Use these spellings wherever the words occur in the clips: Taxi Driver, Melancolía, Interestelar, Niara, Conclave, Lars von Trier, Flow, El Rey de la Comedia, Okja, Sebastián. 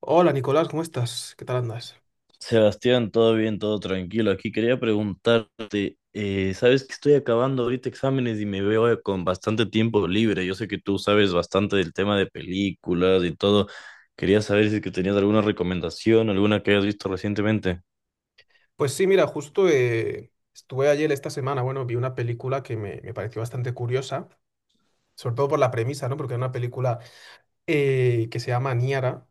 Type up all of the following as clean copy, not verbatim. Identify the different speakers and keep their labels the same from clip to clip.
Speaker 1: Hola Nicolás, ¿cómo estás? ¿Qué tal andas?
Speaker 2: Sebastián, todo bien, todo tranquilo. Aquí quería preguntarte, sabes que estoy acabando ahorita exámenes y me veo con bastante tiempo libre. Yo sé que tú sabes bastante del tema de películas y todo. Quería saber si es que tenías alguna recomendación, alguna que hayas visto recientemente.
Speaker 1: Pues sí, mira, justo estuve ayer esta semana, bueno, vi una película que me pareció bastante curiosa, sobre todo por la premisa, ¿no? Porque era una película que se llama Niara,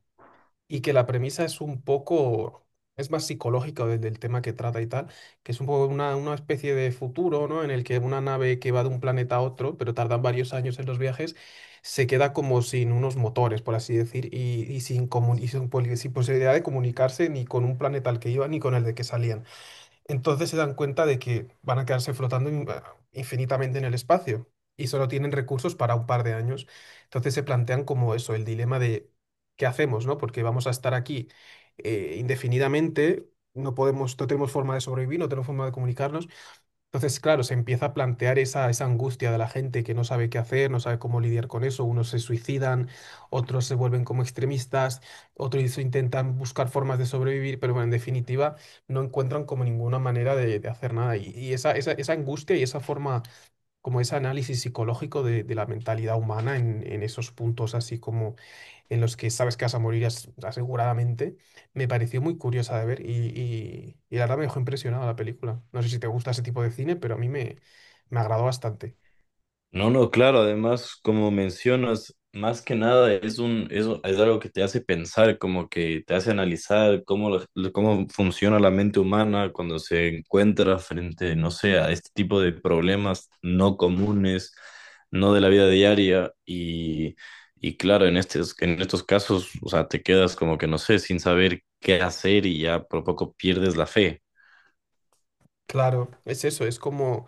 Speaker 1: y que la premisa es un poco, es más psicológica del tema que trata y tal, que es un poco una especie de futuro, ¿no? En el que una nave que va de un planeta a otro, pero tardan varios años en los viajes, se queda como sin unos motores, por así decir, y sin, comun- y sin posibilidad de comunicarse ni con un planeta al que iba ni con el de que salían. Entonces se dan cuenta de que van a quedarse flotando infinitamente en el espacio y solo tienen recursos para un par de años. Entonces se plantean como eso, el dilema de qué hacemos, ¿no? Porque vamos a estar aquí indefinidamente, no podemos, no tenemos forma de sobrevivir, no tenemos forma de comunicarnos. Entonces, claro, se empieza a plantear esa angustia de la gente que no sabe qué hacer, no sabe cómo lidiar con eso. Unos se suicidan, otros se vuelven como extremistas, otros intentan buscar formas de sobrevivir, pero bueno, en definitiva, no encuentran como ninguna manera de hacer nada. Y esa angustia y esa forma, como ese análisis psicológico de la mentalidad humana en esos puntos así como en los que sabes que vas a morir aseguradamente, me pareció muy curiosa de ver y la verdad me dejó impresionado la película. No sé si te gusta ese tipo de cine, pero a me agradó bastante.
Speaker 2: No, no, claro, además, como mencionas, más que nada es algo que te hace pensar, como que te hace analizar cómo funciona la mente humana cuando se encuentra frente, no sé, a este tipo de problemas no comunes, no de la vida diaria, y claro, en estos casos, o sea, te quedas como que no sé, sin saber qué hacer y ya por poco pierdes la fe.
Speaker 1: Claro, es eso, es como,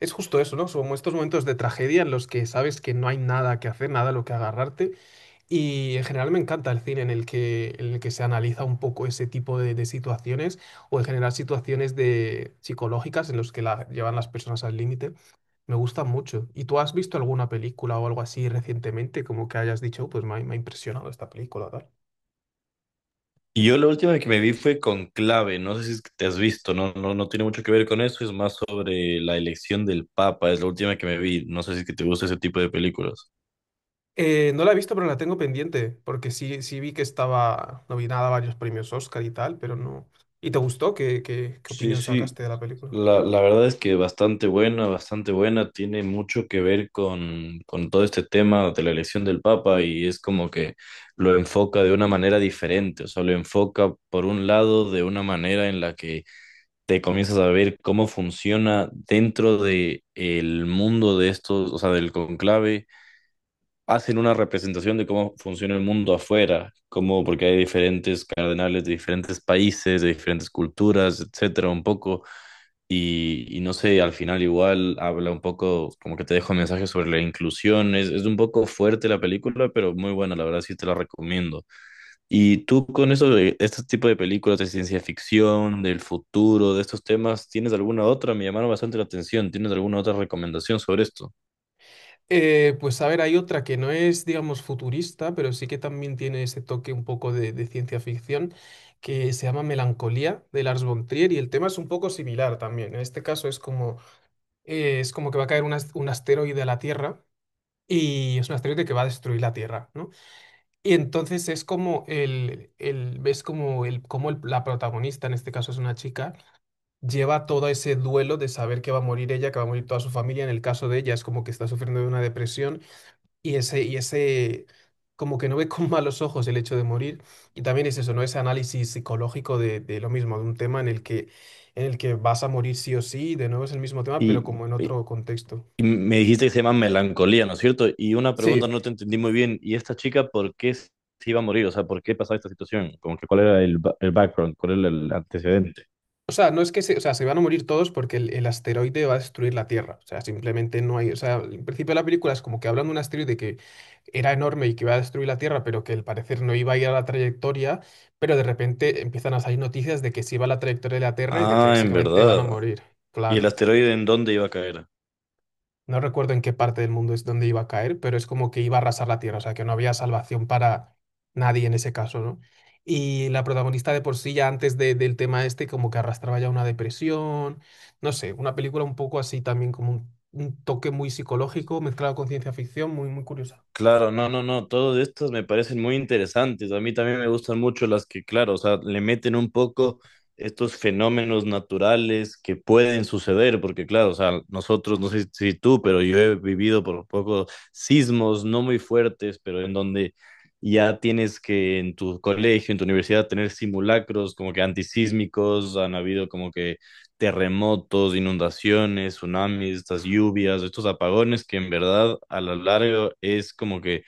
Speaker 1: es justo eso, ¿no? Son como estos momentos de tragedia en los que sabes que no hay nada que hacer, nada a lo que agarrarte. Y en general me encanta el cine en el en el que se analiza un poco ese tipo de situaciones o en general situaciones de, psicológicas en los que la, llevan las personas al límite. Me gustan mucho. ¿Y tú has visto alguna película o algo así recientemente, como que hayas dicho, "Oh, pues me me ha impresionado esta película, tal"?
Speaker 2: Y yo la última que me vi fue Conclave. No sé si es que te has visto, no, no, no tiene mucho que ver con eso, es más sobre la elección del Papa, es la última que me vi, no sé si es que te gusta ese tipo de películas.
Speaker 1: No la he visto, pero la tengo pendiente, porque sí, sí vi que estaba nominada a varios premios Oscar y tal, pero no. ¿Y te gustó? Qué
Speaker 2: Sí,
Speaker 1: opinión
Speaker 2: sí,
Speaker 1: sacaste de la película?
Speaker 2: la verdad es que bastante buena, tiene mucho que ver con todo este tema de la elección del Papa y es como que lo enfoca de una manera diferente, o sea, lo enfoca por un lado de una manera en la que te comienzas a ver cómo funciona dentro de el mundo de estos, o sea, del conclave, hacen una representación de cómo funciona el mundo afuera, como porque hay diferentes cardenales de diferentes países, de diferentes culturas, etcétera, un poco, y no sé, al final igual habla un poco, como que te dejo un mensaje sobre la inclusión, es un poco fuerte la película, pero muy buena, la verdad sí te la recomiendo. Y tú con eso de este tipo de películas de ciencia ficción, del futuro, de estos temas, ¿tienes alguna otra? Me llamaron bastante la atención. ¿Tienes alguna otra recomendación sobre esto?
Speaker 1: Pues a ver, hay otra que no es, digamos, futurista, pero sí que también tiene ese toque un poco de ciencia ficción, que se llama Melancolía, de Lars von Trier, y el tema es un poco similar también. En este caso es como que va a caer un asteroide a la Tierra y es un asteroide que va a destruir la Tierra, ¿no? Y entonces es como el ves como el, como la protagonista, en este caso es una chica, lleva todo ese duelo de saber que va a morir ella, que va a morir toda su familia. En el caso de ella es como que está sufriendo de una depresión y ese como que no ve con malos ojos el hecho de morir. Y también es eso, ¿no? Ese análisis psicológico de lo mismo, de un tema en el en el que vas a morir sí o sí, de nuevo es el mismo tema, pero
Speaker 2: Y,
Speaker 1: como en
Speaker 2: y-
Speaker 1: otro contexto.
Speaker 2: y me dijiste que se llama Melancolía, ¿no es cierto? Y una pregunta,
Speaker 1: Sí,
Speaker 2: no te entendí muy bien. ¿Y esta chica por qué se iba a morir? O sea, ¿por qué pasaba esta situación? Como que cuál era el background, cuál era el antecedente.
Speaker 1: o sea, no es que se, o sea, se van a morir todos porque el asteroide va a destruir la Tierra. O sea, simplemente no hay. O sea, el principio de la película es como que hablan de un asteroide que era enorme y que iba a destruir la Tierra, pero que al parecer no iba a ir a la trayectoria. Pero de repente empiezan a salir noticias de que sí va a la trayectoria de la Tierra y de que
Speaker 2: Ah, ¿en
Speaker 1: básicamente van a
Speaker 2: verdad?
Speaker 1: morir.
Speaker 2: ¿Y el
Speaker 1: Claro.
Speaker 2: asteroide en dónde iba a caer?
Speaker 1: No recuerdo en qué parte del mundo es donde iba a caer, pero es como que iba a arrasar la tierra, o sea, que no había salvación para nadie en ese caso, ¿no? Y la protagonista de por sí ya del tema este como que arrastraba ya una depresión, no sé, una película un poco así también como un toque muy psicológico mezclado con ciencia ficción, muy curiosa.
Speaker 2: Claro, no, no, no, todos estos me parecen muy interesantes. A mí también me gustan mucho las que, claro, o sea, le meten un poco estos fenómenos naturales que pueden suceder, porque claro, o sea, nosotros, no sé si tú, pero yo he vivido por poco sismos no muy fuertes, pero en donde ya tienes que en tu colegio, en tu universidad, tener simulacros como que antisísmicos, han habido como que terremotos, inundaciones, tsunamis, estas lluvias, estos apagones que en verdad a lo largo es como que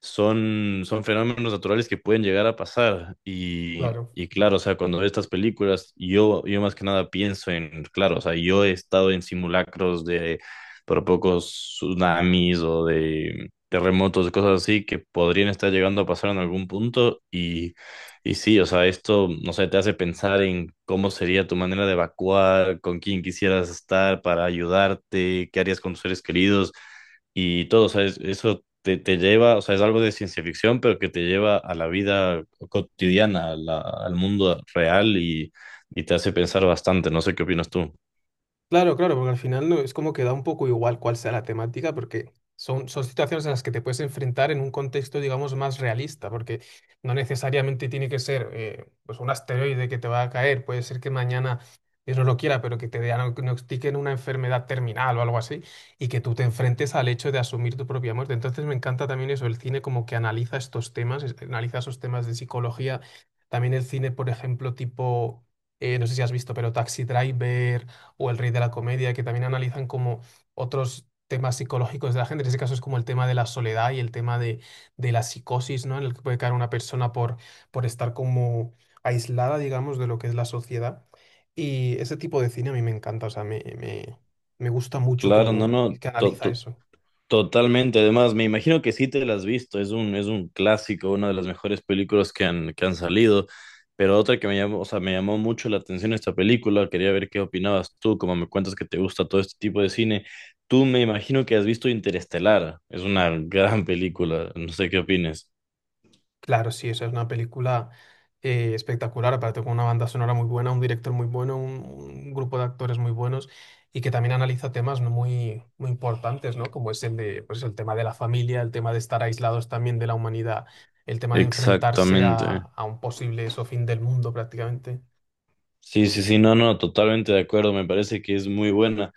Speaker 2: son fenómenos naturales que pueden llegar a pasar. Y,
Speaker 1: Claro.
Speaker 2: y claro, o sea, cuando veo estas películas, yo más que nada pienso en, claro, o sea, yo he estado en simulacros de por pocos tsunamis o de terremotos, de cosas así que podrían estar llegando a pasar en algún punto. Y sí, o sea, esto, no sé, te hace pensar en cómo sería tu manera de evacuar, con quién quisieras estar para ayudarte, qué harías con tus seres queridos. Y todo, o sea, eso te lleva, o sea, es algo de ciencia ficción, pero que te lleva a la vida cotidiana, al mundo real y te hace pensar bastante. No sé qué opinas tú.
Speaker 1: Claro, porque al final no, es como que da un poco igual cuál sea la temática, porque son situaciones en las que te puedes enfrentar en un contexto, digamos, más realista, porque no necesariamente tiene que ser pues un asteroide que te va a caer, puede ser que mañana Dios no lo quiera, pero que te diagnostiquen una enfermedad terminal o algo así, y que tú te enfrentes al hecho de asumir tu propia muerte. Entonces me encanta también eso, el cine como que analiza estos temas, analiza esos temas de psicología, también el cine, por ejemplo, tipo, no sé si has visto, pero Taxi Driver o El Rey de la Comedia, que también analizan como otros temas psicológicos de la gente. En ese caso es como el tema de la soledad y el tema de la psicosis, ¿no? En el que puede caer una persona por estar como aislada, digamos, de lo que es la sociedad. Y ese tipo de cine a mí me encanta, o sea, me gusta mucho
Speaker 2: Claro, no,
Speaker 1: como
Speaker 2: no.
Speaker 1: que analiza eso.
Speaker 2: Totalmente, además me imagino que sí te la has visto, es un clásico, una de las mejores películas que han salido, pero otra que me llamó, o sea, me llamó mucho la atención esta película, quería ver qué opinabas tú, como me cuentas que te gusta todo este tipo de cine, tú me imagino que has visto Interestelar, es una gran película, no sé qué opines.
Speaker 1: Claro, sí, esa es una película espectacular, aparte con una banda sonora muy buena, un director muy bueno, un grupo de actores muy buenos y que también analiza temas ¿no? Muy importantes, ¿no? Como es el de, pues, el tema de la familia, el tema de estar aislados también de la humanidad, el tema de enfrentarse
Speaker 2: Exactamente.
Speaker 1: a un posible eso, fin del mundo prácticamente.
Speaker 2: Sí, sí, sí, no, no, totalmente de acuerdo, me parece que es muy buena.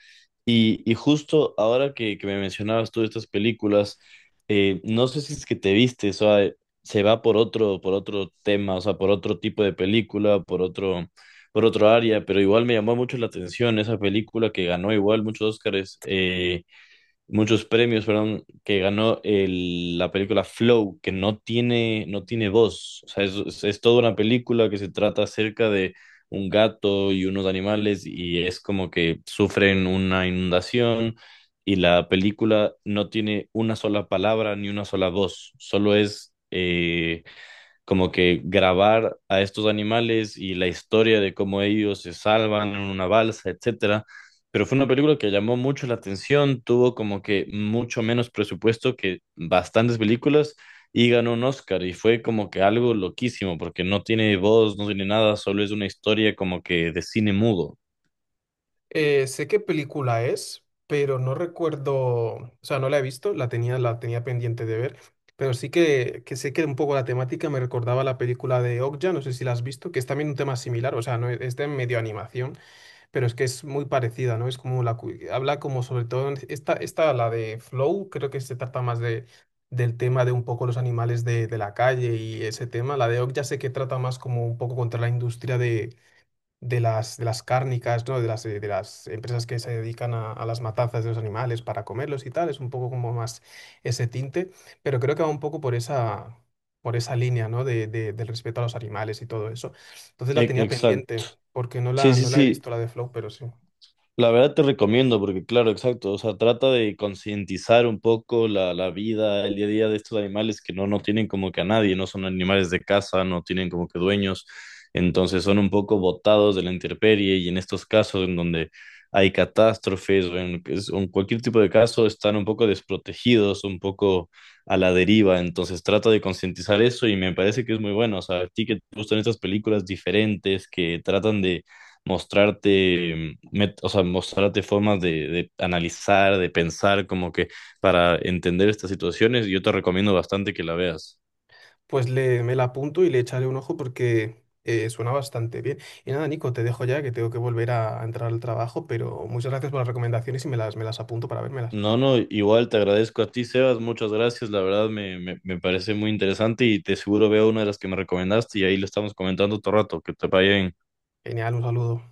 Speaker 2: Y justo ahora que me mencionabas tú estas películas, no sé si es que te viste, o sea, se va por otro tema, o sea, por otro tipo de película, por otro área, pero igual me llamó mucho la atención esa película que ganó igual muchos Óscares, muchos premios, perdón, que ganó la película Flow, que no tiene voz. O sea, es toda una película que se trata acerca de un gato y unos animales y es como que sufren una inundación y la película no tiene una sola palabra ni una sola voz, solo es como que grabar a estos animales y la historia de cómo ellos se salvan en una balsa, etcétera. Pero fue una película que llamó mucho la atención, tuvo como que mucho menos presupuesto que bastantes películas y ganó un Oscar y fue como que algo loquísimo porque no tiene voz, no tiene nada, solo es una historia como que de cine mudo.
Speaker 1: Sé qué película es, pero no recuerdo, o sea, no la he visto, la tenía pendiente de ver, pero sí que sé que un poco la temática me recordaba a la película de Okja, no sé si la has visto, que es también un tema similar, o sea, no es es de medio animación, pero es que es muy parecida, ¿no? Es como la, habla como sobre todo, esta, la de Flow, creo que se trata más de, del tema de un poco los animales de la calle y ese tema, la de Okja sé que trata más como un poco contra la industria de de las cárnicas, ¿no? De las empresas que se dedican a las matanzas de los animales para comerlos y tal, es un poco como más ese tinte, pero creo que va un poco por esa línea, ¿no? Del respeto a los animales y todo eso. Entonces la tenía
Speaker 2: Exacto.
Speaker 1: pendiente, porque
Speaker 2: Sí, sí,
Speaker 1: no la he
Speaker 2: sí.
Speaker 1: visto la de Flow, pero sí.
Speaker 2: La verdad te recomiendo, porque claro, exacto, o sea, trata de concientizar un poco la vida, el día a día de estos animales que no tienen como que a nadie, no son animales de casa, no tienen como que dueños, entonces son un poco botados de la intemperie y en estos casos en donde hay catástrofes o en cualquier tipo de caso están un poco desprotegidos, un poco a la deriva, entonces trata de concientizar eso y me parece que es muy bueno, o sea, a ti que te gustan estas películas diferentes que tratan de mostrarte, o sea, mostrarte formas de analizar, de pensar, como que para entender estas situaciones, yo te recomiendo bastante que la veas.
Speaker 1: Pues le, me la apunto y le echaré un ojo porque suena bastante bien. Y nada, Nico, te dejo ya que tengo que volver a entrar al trabajo, pero muchas gracias por las recomendaciones y me me las apunto para vérmelas.
Speaker 2: No, no, igual te agradezco a ti, Sebas, muchas gracias, la verdad me parece muy interesante y te seguro veo una de las que me recomendaste y ahí lo estamos comentando todo rato, que te vaya bien.
Speaker 1: Genial, un saludo.